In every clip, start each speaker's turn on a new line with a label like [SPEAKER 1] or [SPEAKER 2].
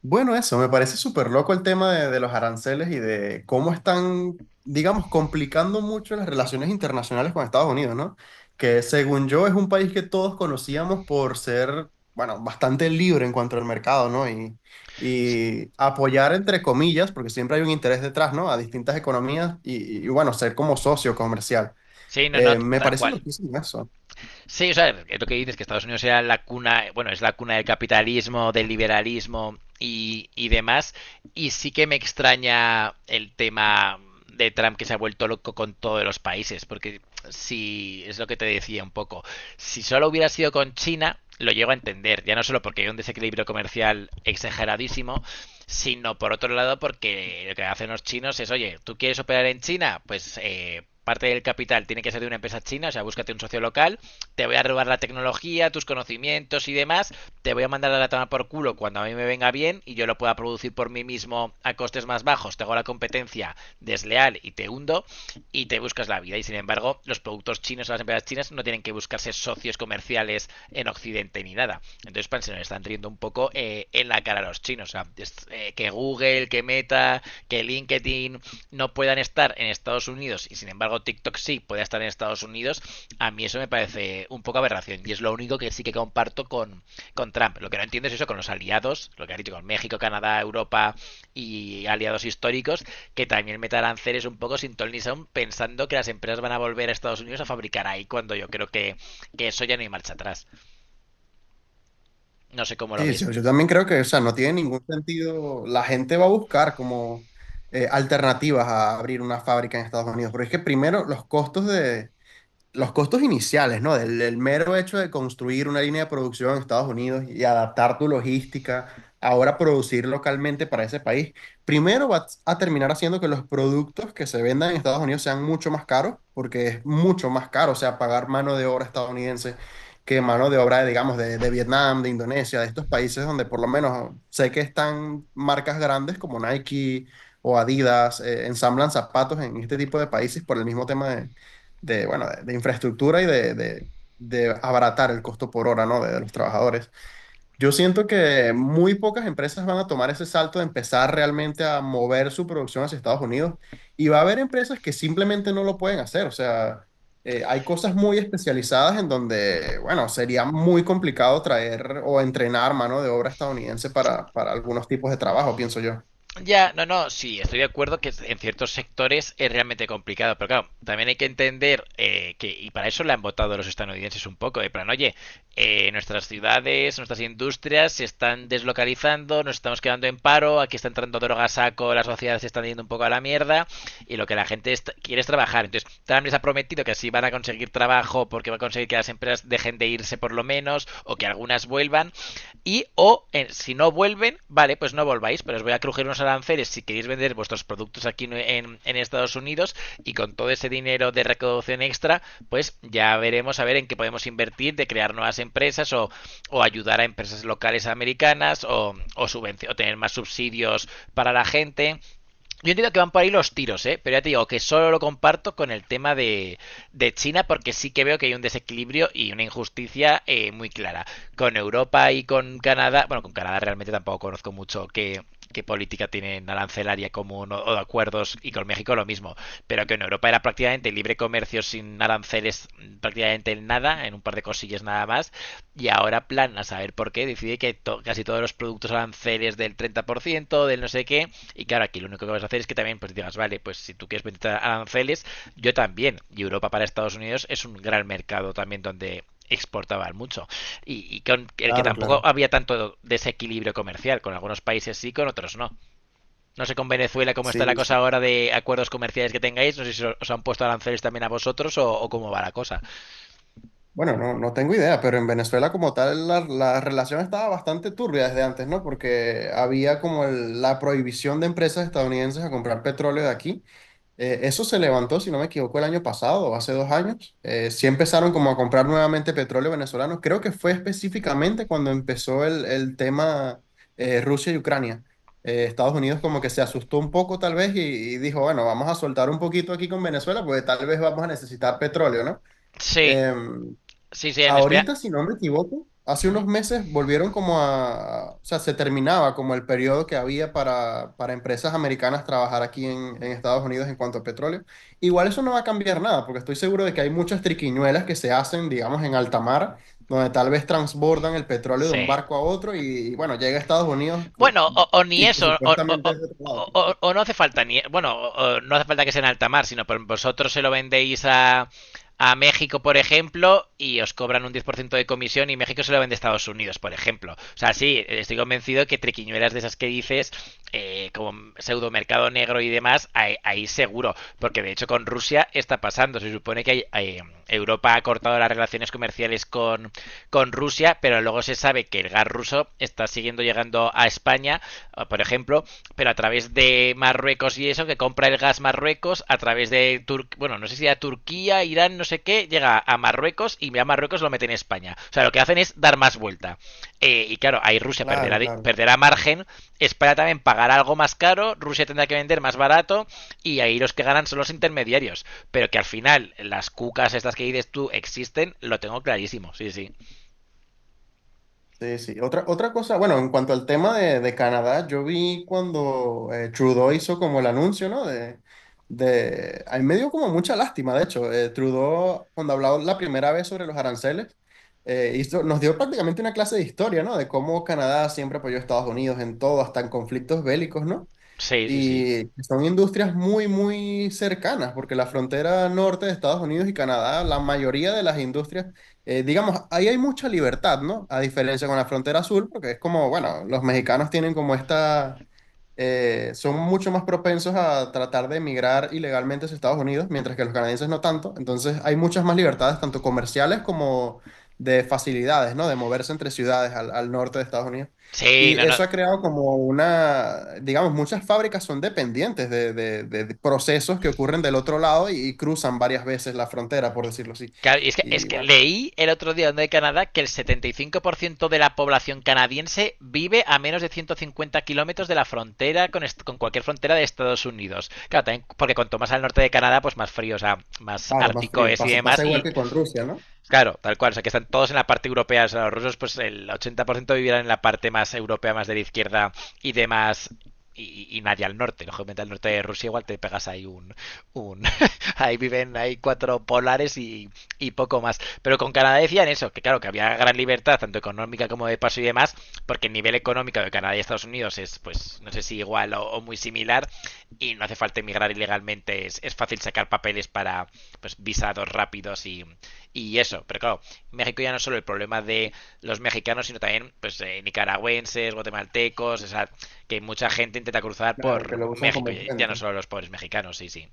[SPEAKER 1] Bueno, eso, me parece súper loco el tema de los aranceles y de cómo están, digamos, complicando mucho las relaciones internacionales con Estados Unidos, ¿no? Que según yo es un país que todos conocíamos por ser, bueno, bastante libre en cuanto al mercado, ¿no? Y apoyar, entre comillas, porque siempre hay un interés detrás, ¿no? A distintas economías y, bueno, ser como socio comercial.
[SPEAKER 2] Sí, no, no,
[SPEAKER 1] Me
[SPEAKER 2] tal
[SPEAKER 1] parece
[SPEAKER 2] cual.
[SPEAKER 1] loquísimo eso.
[SPEAKER 2] Sí, o sea, es lo que dices, que Estados Unidos era la cuna, bueno, es la cuna del capitalismo, del liberalismo y demás. Y sí que me extraña el tema de Trump que se ha vuelto loco con todos los países, porque si es lo que te decía un poco, si solo hubiera sido con China, lo llego a entender, ya no solo porque hay un desequilibrio comercial exageradísimo, sino por otro lado porque lo que hacen los chinos es, oye, ¿tú quieres operar en China? Pues parte del capital tiene que ser de una empresa china, o sea, búscate un socio local, te voy a robar la tecnología, tus conocimientos y demás, te voy a mandar a la toma por culo cuando a mí me venga bien y yo lo pueda producir por mí mismo a costes más bajos, te hago la competencia desleal y te hundo y te buscas la vida. Y sin embargo, los productos chinos o las empresas chinas no tienen que buscarse socios comerciales en Occidente ni nada. Entonces, pan, se nos están riendo un poco en la cara a los chinos. O sea, es, que Google, que Meta, que LinkedIn no puedan estar en Estados Unidos y sin embargo TikTok sí puede estar en Estados Unidos, a mí eso me parece un poco aberración y es lo único que sí que comparto con Trump. Lo que no entiendo es eso con los aliados, lo que ha dicho con México, Canadá, Europa y aliados históricos, que también metan ceres un poco sin ton ni son, pensando que las empresas van a volver a Estados Unidos a fabricar ahí cuando yo creo que eso ya no hay marcha atrás. No sé cómo lo
[SPEAKER 1] Sí, yo,
[SPEAKER 2] ves.
[SPEAKER 1] yo también creo que, o sea, no tiene ningún sentido. La gente va a buscar como alternativas a abrir una fábrica en Estados Unidos, pero es que primero los los costos iniciales, ¿no? Del mero hecho de construir una línea de producción en Estados Unidos y adaptar tu logística, ahora producir localmente para ese país, primero va a terminar haciendo que los productos que se vendan en Estados Unidos sean mucho más caros, porque es mucho más caro, o sea, pagar mano de obra estadounidense que mano de obra, digamos, de Vietnam, de Indonesia, de estos países donde por lo menos sé que están marcas grandes como Nike o Adidas, ensamblan zapatos en este tipo de países por el mismo tema de, bueno, de infraestructura y de abaratar el costo por hora, ¿no? De los trabajadores. Yo siento que muy pocas empresas van a tomar ese salto de empezar realmente a mover su producción hacia Estados Unidos y va a haber empresas que simplemente no lo pueden hacer. O sea, hay cosas muy especializadas en donde, bueno, sería muy complicado traer o entrenar mano de obra estadounidense para algunos tipos de trabajo, pienso yo.
[SPEAKER 2] Ya, no, no, sí, estoy de acuerdo que en ciertos sectores es realmente complicado, pero claro, también hay que entender que, y para eso la han votado los estadounidenses un poco, de plan, oye, nuestras ciudades, nuestras industrias se están deslocalizando, nos estamos quedando en paro, aquí está entrando droga a saco, las sociedades se están yendo un poco a la mierda, y lo que la gente quiere es trabajar. Entonces, Trump les ha prometido que así van a conseguir trabajo porque va a conseguir que las empresas dejen de irse por lo menos, o que algunas vuelvan, y si no vuelven, vale, pues no volváis, pero os voy a crujir unos aranceles si queréis vender vuestros productos aquí en, en Estados Unidos, y con todo ese dinero de recaudación extra, pues ya veremos a ver en qué podemos invertir de crear nuevas empresas o ayudar a empresas locales americanas o, o tener más subsidios para la gente. Yo entiendo que van por ahí los tiros, ¿eh? Pero ya te digo que solo lo comparto con el tema de China porque sí que veo que hay un desequilibrio y una injusticia muy clara. Con Europa y con Canadá, bueno, con Canadá realmente tampoco conozco mucho que qué política tienen arancelaria común, o de acuerdos, y con México lo mismo, pero que en Europa era prácticamente libre comercio sin aranceles prácticamente en nada, en un par de cosillas nada más, y ahora plan a saber por qué decide que to casi todos los productos aranceles del 30%, del no sé qué, y claro, aquí lo único que vas a hacer es que también pues digas, vale, pues si tú quieres meter aranceles, yo también. Y Europa para Estados Unidos es un gran mercado también donde exportaban mucho. Y con el que
[SPEAKER 1] Claro,
[SPEAKER 2] tampoco
[SPEAKER 1] claro.
[SPEAKER 2] había tanto desequilibrio comercial, con algunos países sí, con otros no. No sé con Venezuela cómo está la
[SPEAKER 1] Sí,
[SPEAKER 2] cosa
[SPEAKER 1] sí.
[SPEAKER 2] ahora de acuerdos comerciales que tengáis, no sé si os han puesto aranceles también a vosotros o cómo va la cosa.
[SPEAKER 1] Bueno, no, no tengo idea, pero en Venezuela como tal la relación estaba bastante turbia desde antes, ¿no? Porque había como el- la prohibición de empresas estadounidenses a comprar petróleo de aquí. Eso se levantó, si no me equivoco, el año pasado o hace dos años. Sí empezaron como a comprar nuevamente petróleo venezolano. Creo que fue específicamente cuando empezó el tema Rusia y Ucrania. Estados Unidos como que se asustó un poco tal vez y dijo, bueno, vamos a soltar un poquito aquí con Venezuela porque tal vez vamos a necesitar petróleo, ¿no?
[SPEAKER 2] Sí,
[SPEAKER 1] Em,
[SPEAKER 2] sí, sí, en España.
[SPEAKER 1] Ahorita, si no me equivoco, hace unos meses volvieron como a, o sea, se terminaba como el periodo que había para empresas americanas trabajar aquí en Estados Unidos en cuanto a petróleo. Igual eso no va a cambiar nada, porque estoy seguro de que hay muchas triquiñuelas que se hacen, digamos, en alta mar, donde tal vez transbordan el petróleo de un
[SPEAKER 2] Sí,
[SPEAKER 1] barco a otro y, bueno, llega a Estados Unidos co-
[SPEAKER 2] bueno, o ni
[SPEAKER 1] y que
[SPEAKER 2] eso, o, o-
[SPEAKER 1] supuestamente
[SPEAKER 2] o-
[SPEAKER 1] es de otro lado.
[SPEAKER 2] o o no hace falta ni, bueno, o no hace falta que sea en alta mar, sino vosotros se lo vendéis a México, por ejemplo, y os cobran un 10% de comisión y México se lo vende a Estados Unidos, por ejemplo. O sea, sí, estoy convencido que triquiñuelas de esas que dices, como pseudo mercado negro y demás, ahí, ahí seguro, porque de hecho con Rusia está pasando. Se supone que Europa ha cortado las relaciones comerciales con Rusia, pero luego se sabe que el gas ruso está siguiendo llegando a España, por ejemplo, pero a través de Marruecos y eso, que compra el gas Marruecos, a través de, Tur bueno, no sé si a Turquía, Irán, no sé qué, llega a Marruecos y a Marruecos lo mete en España. O sea, lo que hacen es dar más vuelta. Y claro, ahí Rusia perderá,
[SPEAKER 1] Claro, claro.
[SPEAKER 2] perderá margen, España también pagará algo más caro, Rusia tendrá que vender más barato y ahí los que ganan son los intermediarios. Pero que al final las cucas estas que dices tú existen, lo tengo clarísimo, sí, sí.
[SPEAKER 1] Sí, sí. Otra, otra cosa, bueno, en cuanto al tema de Canadá, yo vi cuando Trudeau hizo como el anuncio, ¿no? A mí me dio como mucha lástima, de hecho. Trudeau, cuando habló la primera vez sobre los aranceles, hizo- nos dio prácticamente una clase de historia, ¿no? De cómo Canadá siempre apoyó a Estados Unidos en todo, hasta en conflictos bélicos, ¿no?
[SPEAKER 2] Sí, sí, sí.
[SPEAKER 1] Y son industrias muy, muy cercanas, porque la frontera norte de Estados Unidos y Canadá, la mayoría de las industrias, digamos, ahí hay mucha libertad, ¿no? A diferencia con la frontera sur, porque es como, bueno, los mexicanos tienen como esta, son mucho más propensos a tratar de emigrar ilegalmente hacia Estados Unidos, mientras que los canadienses no tanto. Entonces hay muchas más libertades, tanto comerciales como de facilidades, ¿no? De moverse entre ciudades al norte de Estados Unidos.
[SPEAKER 2] Sí,
[SPEAKER 1] Y
[SPEAKER 2] no, no.
[SPEAKER 1] eso ha creado como una, digamos, muchas fábricas son dependientes de procesos que ocurren del otro lado y cruzan varias veces la frontera, por decirlo así.
[SPEAKER 2] Claro, y es que, es
[SPEAKER 1] Y
[SPEAKER 2] que
[SPEAKER 1] bueno,
[SPEAKER 2] leí el otro día donde de Canadá que el 75% de la población canadiense vive a menos de 150 kilómetros de la frontera con, con cualquier frontera de Estados Unidos. Claro, también porque cuanto más al norte de Canadá, pues más frío, o sea, más
[SPEAKER 1] claro, más
[SPEAKER 2] ártico
[SPEAKER 1] frío.
[SPEAKER 2] es y
[SPEAKER 1] Pasa,
[SPEAKER 2] demás,
[SPEAKER 1] pasa igual
[SPEAKER 2] y
[SPEAKER 1] que con Rusia, ¿no?
[SPEAKER 2] claro, tal cual. O sea, que están todos en la parte europea. O sea, los rusos, pues el 80% vivirán en la parte más europea, más de la izquierda y demás. Y nadie al norte. Lógicamente, al norte de Rusia igual te pegas ahí un ahí viven, hay cuatro polares y poco más. Pero con Canadá decían eso, que claro, que había gran libertad, tanto económica como de paso y demás, porque el nivel económico de Canadá y Estados Unidos es, pues, no sé si igual o muy similar, y no hace falta emigrar ilegalmente. Es fácil sacar papeles para, pues, visados rápidos y eso, pero claro, México ya no es solo el problema de los mexicanos, sino también pues nicaragüenses, guatemaltecos, o sea, que mucha gente intenta cruzar
[SPEAKER 1] Claro, que
[SPEAKER 2] por
[SPEAKER 1] lo usan
[SPEAKER 2] México,
[SPEAKER 1] como
[SPEAKER 2] ya, ya no
[SPEAKER 1] puente.
[SPEAKER 2] solo los pobres mexicanos, sí, sí.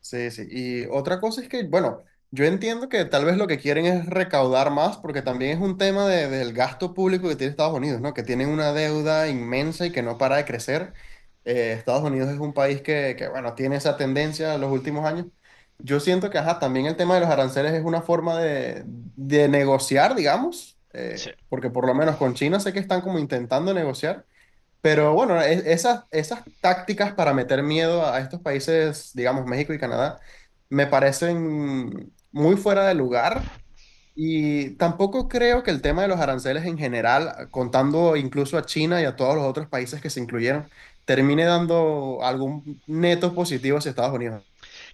[SPEAKER 1] Sí, sí. Y otra cosa es que, bueno, yo entiendo que tal vez lo que quieren es recaudar más, porque también es un tema de- del gasto público que tiene Estados Unidos, ¿no? Que tienen una deuda inmensa y que no para de crecer. Estados Unidos es un país que, bueno, tiene esa tendencia en los últimos años. Yo siento que, ajá, también el tema de los aranceles es una forma de negociar, digamos,
[SPEAKER 2] Sí,
[SPEAKER 1] porque por lo menos con China sé que están como intentando negociar. Pero bueno, e- esas, esas tácticas para meter miedo a estos países, digamos México y Canadá, me parecen muy fuera de lugar y tampoco creo que el tema de los aranceles en general, contando incluso a China y a todos los otros países que se incluyeron, termine dando algún neto positivo hacia Estados Unidos.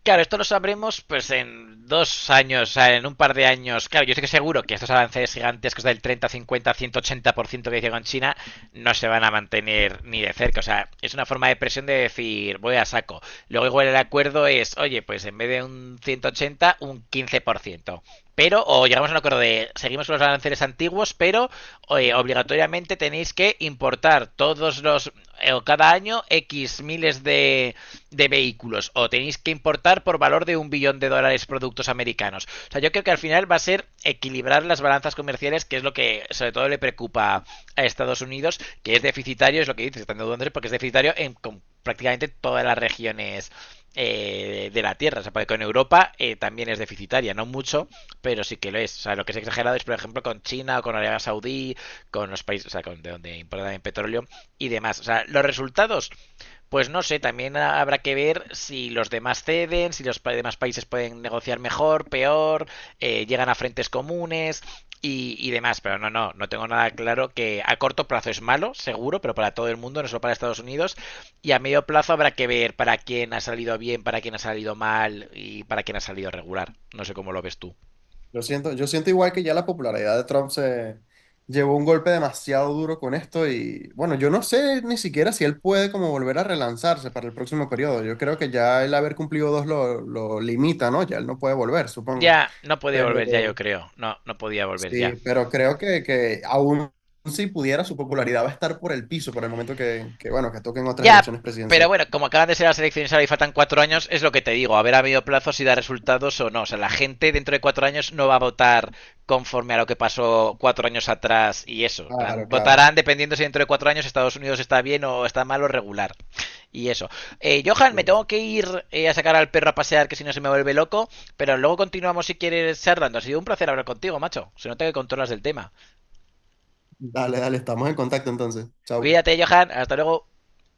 [SPEAKER 2] claro, esto lo sabremos pues en 2 años, o sea, en un par de años. Claro, yo estoy seguro que estos avances gigantescos del 30, 50, 180% que dice con China no se van a mantener ni de cerca. O sea, es una forma de presión de decir, voy a saco. Luego igual el acuerdo es, oye, pues en vez de un 180, un 15%. Pero, o llegamos a un acuerdo de, seguimos con los aranceles antiguos, pero oye, obligatoriamente tenéis que importar todos los, o cada año, X miles de vehículos, o tenéis que importar por valor de un billón de dólares productos americanos. O sea, yo creo que al final va a ser equilibrar las balanzas comerciales, que es lo que sobre todo le preocupa a Estados Unidos, que es deficitario, es lo que dices, están dudándose porque es deficitario en con prácticamente todas las regiones. De la Tierra. O sea, porque con Europa también es deficitaria, no mucho, pero sí que lo es. O sea, lo que es exagerado es, por ejemplo, con China o con Arabia Saudí, con los países, o sea, con de donde importan petróleo y demás. O sea, los resultados pues no sé, también habrá que ver si los demás ceden, si los demás países pueden negociar mejor, peor, llegan a frentes comunes y demás. Pero no, no, no tengo nada claro que a corto plazo es malo, seguro, pero para todo el mundo, no solo para Estados Unidos. Y a medio plazo habrá que ver para quién ha salido bien, para quién ha salido mal y para quién ha salido regular. No sé cómo lo ves tú.
[SPEAKER 1] Yo siento igual que ya la popularidad de Trump se llevó un golpe demasiado duro con esto y bueno, yo no sé ni siquiera si él puede como volver a relanzarse para el próximo periodo. Yo creo que ya el haber cumplido dos lo limita, ¿no? Ya él no puede volver, supongo.
[SPEAKER 2] Ya, no puede volver ya, yo
[SPEAKER 1] Pero
[SPEAKER 2] creo. No, no podía volver ya.
[SPEAKER 1] sí, pero creo que aún si pudiera, su popularidad va a estar por el piso por el momento que bueno, que toquen otras
[SPEAKER 2] Ya,
[SPEAKER 1] elecciones
[SPEAKER 2] pero
[SPEAKER 1] presidenciales.
[SPEAKER 2] bueno, como acaban de ser las elecciones ahora y faltan 4 años, es lo que te digo, a ver a medio plazo si da resultados o no. O sea, la gente dentro de 4 años no va a votar conforme a lo que pasó 4 años atrás y eso.
[SPEAKER 1] Claro, claro.
[SPEAKER 2] Votarán dependiendo si dentro de 4 años Estados Unidos está bien o está mal o regular. Y eso. Johan,
[SPEAKER 1] Sí,
[SPEAKER 2] me tengo
[SPEAKER 1] sí.
[SPEAKER 2] que ir a sacar al perro a pasear, que si no se me vuelve loco. Pero luego continuamos si quieres charlando. Ha sido un placer hablar contigo, macho. Se nota que controlas el tema.
[SPEAKER 1] Dale, dale, estamos en contacto entonces. Chao.
[SPEAKER 2] Cuídate, Johan. Hasta luego.